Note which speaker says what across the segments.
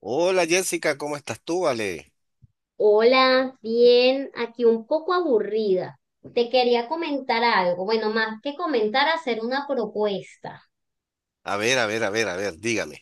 Speaker 1: Hola Jessica, ¿cómo estás tú, Vale?
Speaker 2: Hola, bien, aquí un poco aburrida. Te quería comentar algo, bueno, más que comentar, hacer una propuesta.
Speaker 1: A ver, a ver, a ver, a ver, dígame.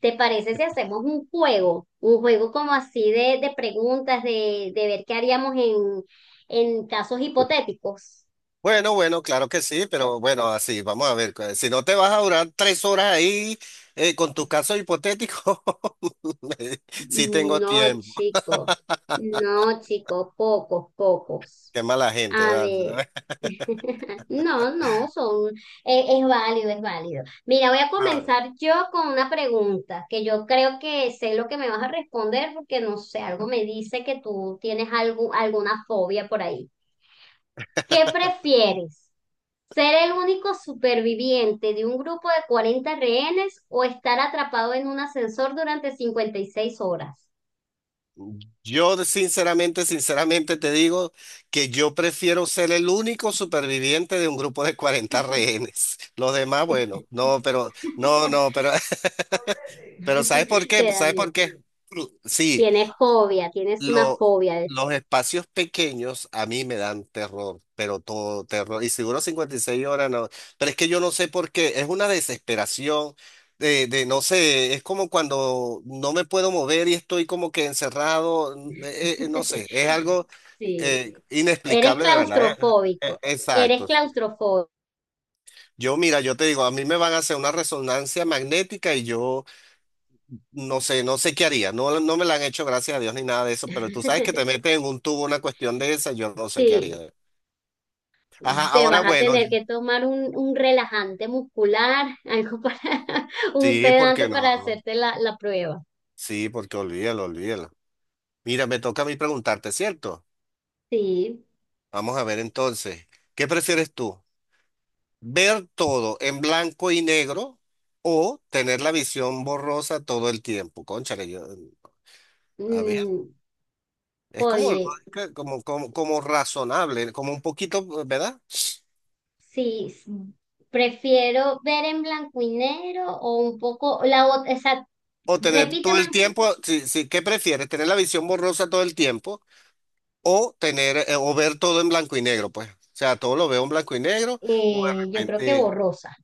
Speaker 2: ¿Te parece si hacemos un juego? Un juego como así de preguntas, de ver qué haríamos en casos hipotéticos.
Speaker 1: Bueno, bueno, claro que sí, pero bueno, así, vamos a ver. Si no te vas a durar 3 horas ahí con tus casos hipotéticos, sí tengo
Speaker 2: No,
Speaker 1: tiempo.
Speaker 2: chico. No, chico. Pocos, pocos.
Speaker 1: Qué mala gente,
Speaker 2: A ver.
Speaker 1: ¿verdad?
Speaker 2: No, no, son, es válido, es válido. Mira, voy a
Speaker 1: Ah.
Speaker 2: comenzar yo con una pregunta que yo creo que sé lo que me vas a responder porque no sé, algo me dice que tú tienes algo, alguna fobia por ahí. ¿Qué prefieres? ¿Ser el único superviviente de un grupo de 40 rehenes o estar atrapado en un ascensor durante 56 horas?
Speaker 1: Yo sinceramente, sinceramente te digo que yo prefiero ser el único superviviente de un grupo de 40 rehenes. Los demás, bueno, no, pero, no, no, pero. Pero ¿sabes por qué?
Speaker 2: Te da
Speaker 1: ¿Sabes por
Speaker 2: miedo.
Speaker 1: qué? Sí,
Speaker 2: Tienes fobia, tienes una
Speaker 1: lo-
Speaker 2: fobia.
Speaker 1: los espacios pequeños a mí me dan terror, pero todo terror. Y seguro 56 horas no. Pero es que yo no sé por qué. Es una desesperación de no sé, es como cuando no me puedo mover y estoy como que encerrado. No sé, es algo
Speaker 2: Sí. Eres
Speaker 1: inexplicable de verdad.
Speaker 2: claustrofóbico. Eres
Speaker 1: Exacto.
Speaker 2: claustrofóbico.
Speaker 1: Yo, mira, yo te digo, a mí me van a hacer una resonancia magnética y yo. No sé, no sé qué haría. No, no me la han hecho, gracias a Dios, ni nada de eso, pero tú sabes que te meten en un tubo una cuestión de esa, yo no sé qué
Speaker 2: Sí.
Speaker 1: haría. Ajá,
Speaker 2: Te
Speaker 1: ahora
Speaker 2: vas a
Speaker 1: bueno,
Speaker 2: tener que tomar un relajante muscular, algo para, un
Speaker 1: sí,
Speaker 2: sedante
Speaker 1: porque
Speaker 2: para
Speaker 1: no.
Speaker 2: hacerte la prueba.
Speaker 1: Sí, porque olvídalo, olvídalo. Mira, me toca a mí preguntarte, ¿cierto?
Speaker 2: Sí.
Speaker 1: Vamos a ver entonces, ¿qué prefieres tú? ¿Ver todo en blanco y negro o tener la visión borrosa todo el tiempo? Cónchale, yo, a ver,
Speaker 2: Mm,
Speaker 1: es como,
Speaker 2: oye,
Speaker 1: lógica, como razonable, como un poquito, ¿verdad?
Speaker 2: sí. Prefiero ver en blanco y negro o un poco,
Speaker 1: O tener todo
Speaker 2: repíteme,
Speaker 1: el tiempo, si, si, ¿qué prefieres? ¿Tener la visión borrosa todo el tiempo o ver todo en blanco y negro, pues? O sea, todo lo veo en blanco y negro o de
Speaker 2: yo creo que
Speaker 1: repente
Speaker 2: borrosa.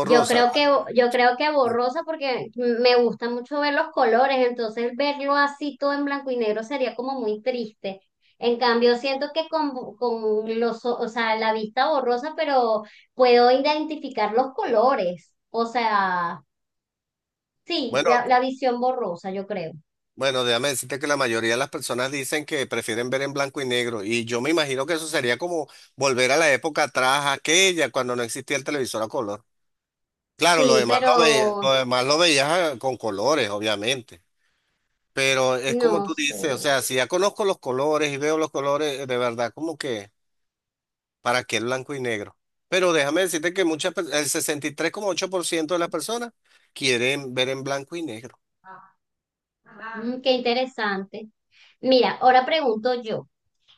Speaker 2: Yo creo que, yo creo que borrosa porque me gusta mucho ver los colores, entonces verlo así todo en blanco y negro sería como muy triste. En cambio, siento que con o sea, la vista borrosa, pero puedo identificar los colores. O sea, sí,
Speaker 1: Bueno,
Speaker 2: la visión borrosa, yo creo.
Speaker 1: bueno, déjame decirte que la mayoría de las personas dicen que prefieren ver en blanco y negro y yo me imagino que eso sería como volver a la época atrás, aquella cuando no existía el televisor a color. Claro,
Speaker 2: Sí, pero
Speaker 1: lo demás lo veías con colores, obviamente. Pero es como
Speaker 2: no
Speaker 1: tú dices, o
Speaker 2: sé.
Speaker 1: sea, si ya conozco los colores y veo los colores, de verdad, como que, ¿para qué el blanco y negro? Pero déjame decirte que el 63,8% de las personas quieren ver en blanco y negro.
Speaker 2: Qué interesante. Mira, ahora pregunto yo,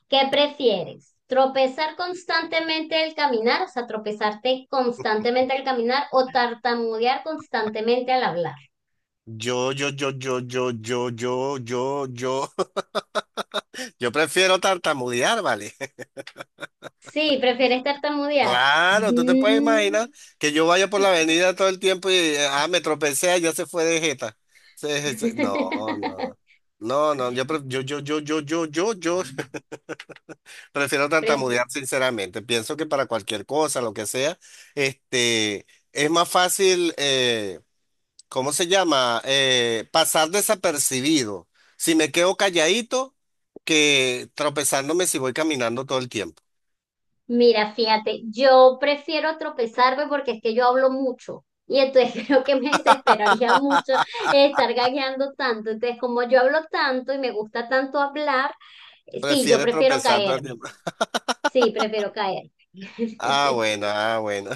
Speaker 2: ¿qué prefieres? ¿Tropezar constantemente al caminar, o sea, tropezarte constantemente al caminar o tartamudear constantemente al hablar?
Speaker 1: Yo, yo, yo, yo, yo, yo, yo, yo, yo, yo prefiero tartamudear, ¿vale?
Speaker 2: Sí, prefieres tartamudear.
Speaker 1: Claro, tú te puedes
Speaker 2: Mm.
Speaker 1: imaginar que yo vaya por la avenida todo el tiempo y me tropecé, ya se fue de jeta. No, no, no, no, yo. Prefiero
Speaker 2: Pref-
Speaker 1: tartamudear, sinceramente. Pienso que para cualquier cosa, lo que sea, este, es más fácil, ¿cómo se llama? Pasar desapercibido si me quedo calladito que tropezándome si voy caminando todo el tiempo.
Speaker 2: Mira, fíjate, yo prefiero tropezarme porque es que yo hablo mucho y entonces creo que me desesperaría mucho estar gagueando tanto. Entonces, como yo hablo tanto y me gusta tanto hablar, sí, yo
Speaker 1: Prefiero
Speaker 2: prefiero
Speaker 1: tropezar todo el
Speaker 2: caerme.
Speaker 1: tiempo.
Speaker 2: Sí, prefiero caer.
Speaker 1: Ah, bueno, ah, bueno.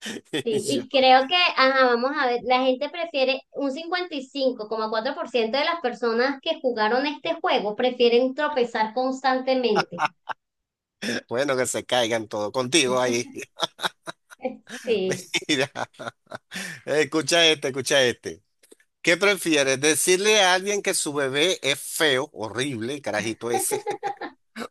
Speaker 2: Sí, y
Speaker 1: Yo-
Speaker 2: creo que, ajá, vamos a ver, la gente prefiere un 55,4% de las personas que jugaron este juego prefieren tropezar constantemente.
Speaker 1: Bueno, que se caigan todos contigo ahí.
Speaker 2: Sí.
Speaker 1: Mira, escucha este, escucha este. ¿Qué prefieres? ¿Decirle a alguien que su bebé es feo, horrible, el carajito ese?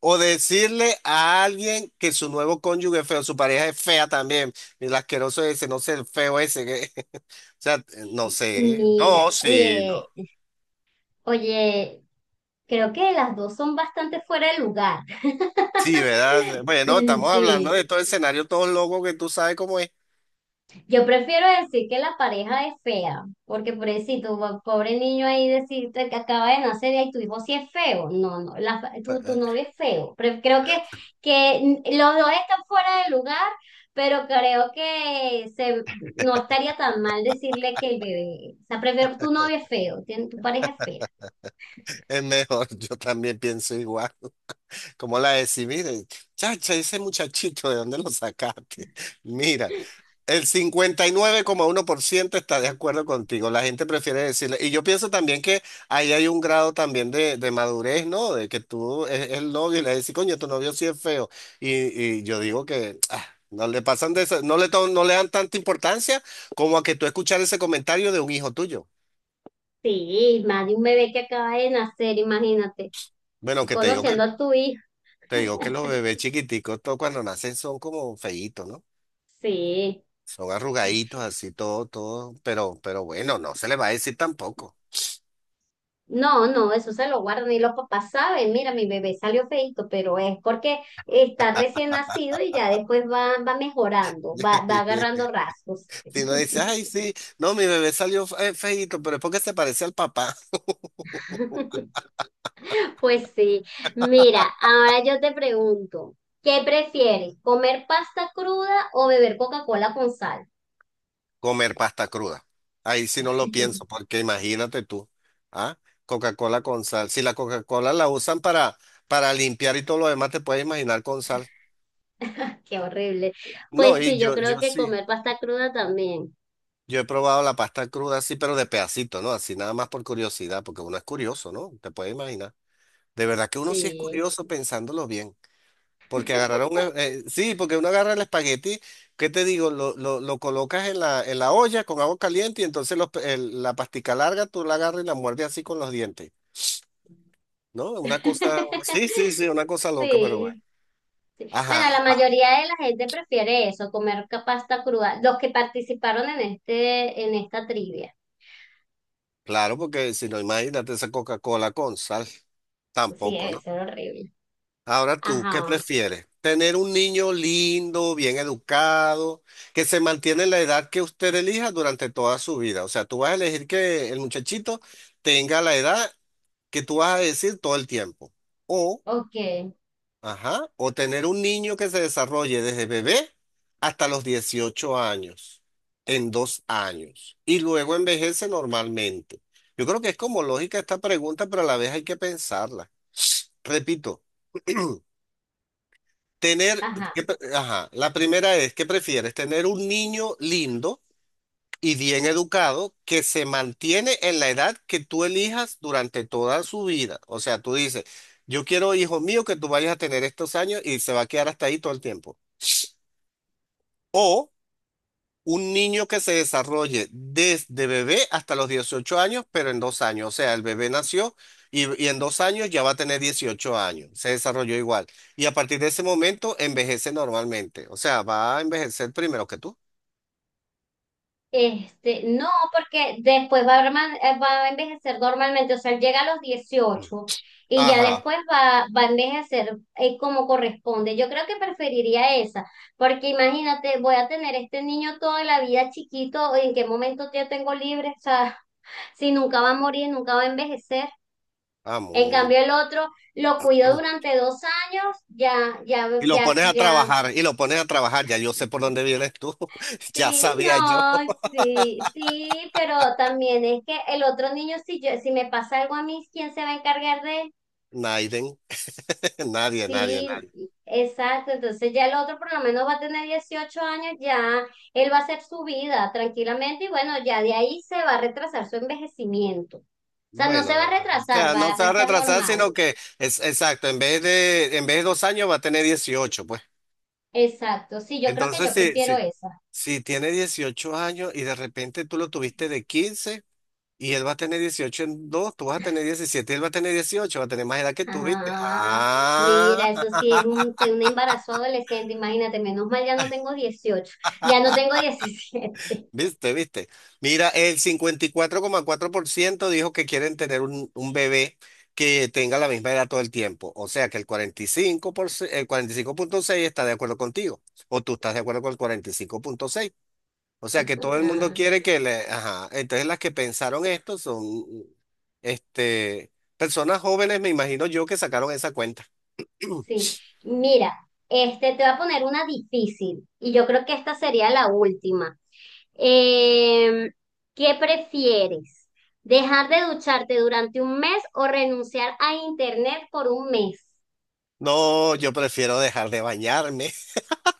Speaker 1: O decirle a alguien que su nuevo cónyuge es feo, su pareja es fea también. Mira, el asqueroso ese, no sé, el feo ese. O sea, no sé.
Speaker 2: Mira,
Speaker 1: No, sí, no.
Speaker 2: oye, oye. Creo que las dos son bastante fuera de lugar.
Speaker 1: Sí, ¿verdad? Bueno, estamos hablando
Speaker 2: Sí,
Speaker 1: de todo el escenario, todos locos que tú sabes cómo es.
Speaker 2: yo prefiero decir que la pareja es fea, porque pobrecito, pobre niño ahí decirte que acaba de nacer y tu hijo sí es feo. No, no, tu novio es feo. Pero creo que los dos están fuera de lugar, pero creo que no estaría tan mal decirle que el bebé, o sea, prefiero tu novio es feo, tu pareja es fea.
Speaker 1: Es mejor, yo también pienso igual. Como la de sí, mire, chacha, ese muchachito, ¿de dónde lo sacaste? Mira. El 59,1% está de acuerdo contigo. La gente prefiere decirle. Y yo pienso también que ahí hay un grado también de madurez, ¿no? De que tú es el novio y le dices, coño, tu novio sí es feo. Y, y yo digo que no le pasan de eso, no le dan tanta importancia como a que tú escuchar ese comentario de un hijo tuyo.
Speaker 2: Sí, más de un bebé que acaba de nacer, imagínate.
Speaker 1: Bueno,
Speaker 2: Y conociendo a tu hija.
Speaker 1: te digo que los bebés chiquiticos, todo cuando nacen son como feitos, ¿no?
Speaker 2: Sí.
Speaker 1: Son arrugaditos, así, todo, todo. Pero bueno, no se le va a decir tampoco.
Speaker 2: No, no, eso se lo guardan y los papás saben, mira, mi bebé salió feíto, pero es porque está recién nacido y ya después va, va mejorando, va agarrando rasgos.
Speaker 1: Si no dice, ay, sí, no, mi bebé salió feíto, pero es porque se parece al papá.
Speaker 2: Pues sí, mira, ahora yo te pregunto, ¿qué prefieres, comer pasta cruda o beber Coca-Cola con sal?
Speaker 1: Comer pasta cruda. Ahí sí no lo pienso, porque imagínate tú, ¿ah? Coca-Cola con sal. Si la Coca-Cola la usan para limpiar y todo lo demás, te puedes imaginar con sal.
Speaker 2: Qué horrible.
Speaker 1: No,
Speaker 2: Pues
Speaker 1: y
Speaker 2: sí, yo
Speaker 1: yo,
Speaker 2: creo
Speaker 1: yo
Speaker 2: que
Speaker 1: sí.
Speaker 2: comer pasta cruda también.
Speaker 1: Yo he probado la pasta cruda así, pero de pedacito, ¿no? Así nada más por curiosidad, porque uno es curioso, ¿no? Te puedes imaginar. De verdad que uno sí es
Speaker 2: Sí.
Speaker 1: curioso pensándolo bien. Porque sí, porque uno agarra el espagueti, ¿qué te digo? Lo colocas en la olla con agua caliente y entonces la pastica larga tú la agarras y la muerdes así con los dientes, ¿no? Una cosa, sí, sí, sí, una cosa loca, pero bueno.
Speaker 2: Sí. Bueno, la
Speaker 1: Ajá, ah,
Speaker 2: mayoría de la gente prefiere eso, comer pasta cruda. Los que participaron en esta trivia.
Speaker 1: claro, porque si no, imagínate esa Coca-Cola con sal,
Speaker 2: Sí,
Speaker 1: tampoco, ¿no?
Speaker 2: eso era horrible.
Speaker 1: Ahora tú, ¿qué
Speaker 2: Ajá.
Speaker 1: prefieres? ¿Tener un niño lindo, bien educado, que se mantiene en la edad que usted elija durante toda su vida? O sea, tú vas a elegir que el muchachito tenga la edad que tú vas a decir todo el tiempo. O,
Speaker 2: Ok.
Speaker 1: ajá, o tener un niño que se desarrolle desde bebé hasta los 18 años, en 2 años, y luego envejece normalmente. Yo creo que es como lógica esta pregunta, pero a la vez hay que pensarla. Repito. Tener,
Speaker 2: Ajá.
Speaker 1: ajá, la primera es, ¿qué prefieres? ¿Tener un niño lindo y bien educado que se mantiene en la edad que tú elijas durante toda su vida? O sea, tú dices, yo quiero, hijo mío, que tú vayas a tener estos años y se va a quedar hasta ahí todo el tiempo. O un niño que se desarrolle desde bebé hasta los 18 años, pero en 2 años. O sea, el bebé nació y en 2 años ya va a tener 18 años. Se desarrolló igual. Y a partir de ese momento envejece normalmente. O sea, va a envejecer primero que tú.
Speaker 2: No, porque después va a envejecer normalmente, o sea, él llega a los
Speaker 1: Mm.
Speaker 2: 18 y ya
Speaker 1: Ajá,
Speaker 2: después va, va a envejecer como corresponde. Yo creo que preferiría esa, porque imagínate, voy a tener este niño toda la vida chiquito, ¿en qué momento yo tengo libre? O sea, si nunca va a morir, nunca va a envejecer. En
Speaker 1: amor.
Speaker 2: cambio, el otro lo cuido durante 2 años, ya, ya,
Speaker 1: Y lo
Speaker 2: ya,
Speaker 1: pones a
Speaker 2: ya
Speaker 1: trabajar, y lo pones a trabajar. Ya yo sé por dónde vienes tú. Ya
Speaker 2: Sí,
Speaker 1: sabía yo.
Speaker 2: no, sí, sí, pero también es que el otro niño, si me pasa algo a mí, ¿quién se va a encargar de?
Speaker 1: Naiden. Nadie, nadie,
Speaker 2: Sí,
Speaker 1: nadie.
Speaker 2: exacto. Entonces ya el otro por lo menos va a tener 18 años, ya él va a hacer su vida tranquilamente y bueno, ya de ahí se va a retrasar su envejecimiento. O sea, no
Speaker 1: Bueno,
Speaker 2: se va a
Speaker 1: o
Speaker 2: retrasar,
Speaker 1: sea, no
Speaker 2: va,
Speaker 1: se
Speaker 2: va
Speaker 1: va
Speaker 2: a
Speaker 1: a
Speaker 2: estar
Speaker 1: retrasar,
Speaker 2: normal.
Speaker 1: sino que es exacto, en vez de 2 años va a tener 18, pues.
Speaker 2: Exacto. Sí, yo creo que
Speaker 1: Entonces,
Speaker 2: yo prefiero eso.
Speaker 1: si tiene 18 años y de repente tú lo tuviste de 15 y él va a tener 18 en dos, tú vas a tener 17, y él va a tener 18, va a tener más edad que tú, ¿viste?
Speaker 2: Ah,
Speaker 1: Ah.
Speaker 2: mira, eso sí es fue un embarazo adolescente, imagínate, menos mal ya no tengo 18, ya no tengo 17.
Speaker 1: Viste, viste. Mira, el 54,4% dijo que quieren tener un bebé que tenga la misma edad todo el tiempo. O sea que el 45%, el 45,6 está de acuerdo contigo. O tú estás de acuerdo con el 45,6. O sea que todo el mundo
Speaker 2: Ah,
Speaker 1: quiere que le. Ajá. Entonces las que pensaron esto son, este, personas jóvenes, me imagino yo, que sacaron esa cuenta.
Speaker 2: sí, mira, te voy a poner una difícil y yo creo que esta sería la última. Eh, ¿qué prefieres? ¿Dejar de ducharte durante un mes o renunciar a internet por un mes?
Speaker 1: No, yo prefiero dejar de bañarme.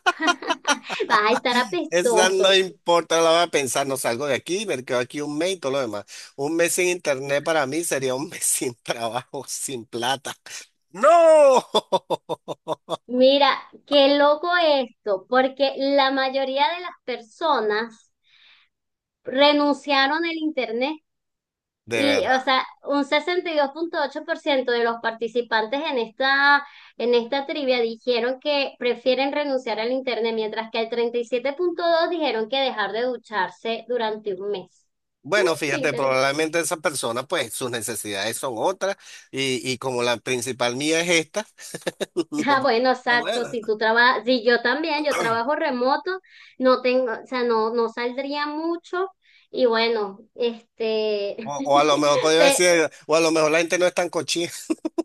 Speaker 2: Vas a estar
Speaker 1: Esa no
Speaker 2: apestoso.
Speaker 1: importa, la voy a pensar, no salgo de aquí, me quedo aquí un mes y todo lo demás. Un mes sin internet para mí sería un mes sin trabajo, sin plata. ¡No!
Speaker 2: Mira, qué loco esto, porque la mayoría de las personas renunciaron al internet
Speaker 1: De
Speaker 2: y,
Speaker 1: verdad.
Speaker 2: o sea, un 62,8% de los participantes en esta trivia dijeron que prefieren renunciar al internet, mientras que el 37,2 dijeron que dejar de ducharse durante un mes. Mm,
Speaker 1: Bueno,
Speaker 2: qué
Speaker 1: fíjate, probablemente esa persona, pues sus necesidades son otras y como la principal mía es esta, no,
Speaker 2: Ah, bueno, exacto.
Speaker 1: bueno.
Speaker 2: Si tú trabajas, si yo también, yo trabajo remoto, no tengo, o sea, no, no saldría mucho. Y bueno,
Speaker 1: O, o a lo mejor podría
Speaker 2: pe-
Speaker 1: decir, o a lo mejor la gente no es tan cochina.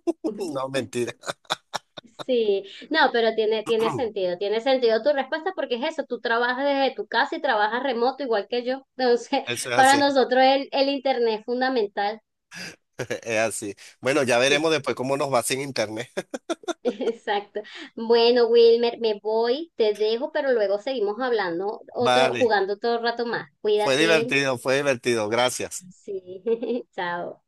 Speaker 1: No, mentira.
Speaker 2: sí, no, pero tiene sentido, tiene sentido tu respuesta porque es eso, tú trabajas desde tu casa y trabajas remoto igual que yo. Entonces,
Speaker 1: Eso es
Speaker 2: para
Speaker 1: así,
Speaker 2: nosotros el internet es fundamental.
Speaker 1: es así. Bueno, ya
Speaker 2: Sí,
Speaker 1: veremos después cómo nos va sin internet.
Speaker 2: exacto. Bueno, Wilmer, me voy, te dejo, pero luego seguimos hablando otro,
Speaker 1: Vale,
Speaker 2: jugando todo el rato más. Cuídate.
Speaker 1: fue divertido, gracias.
Speaker 2: Sí, chao.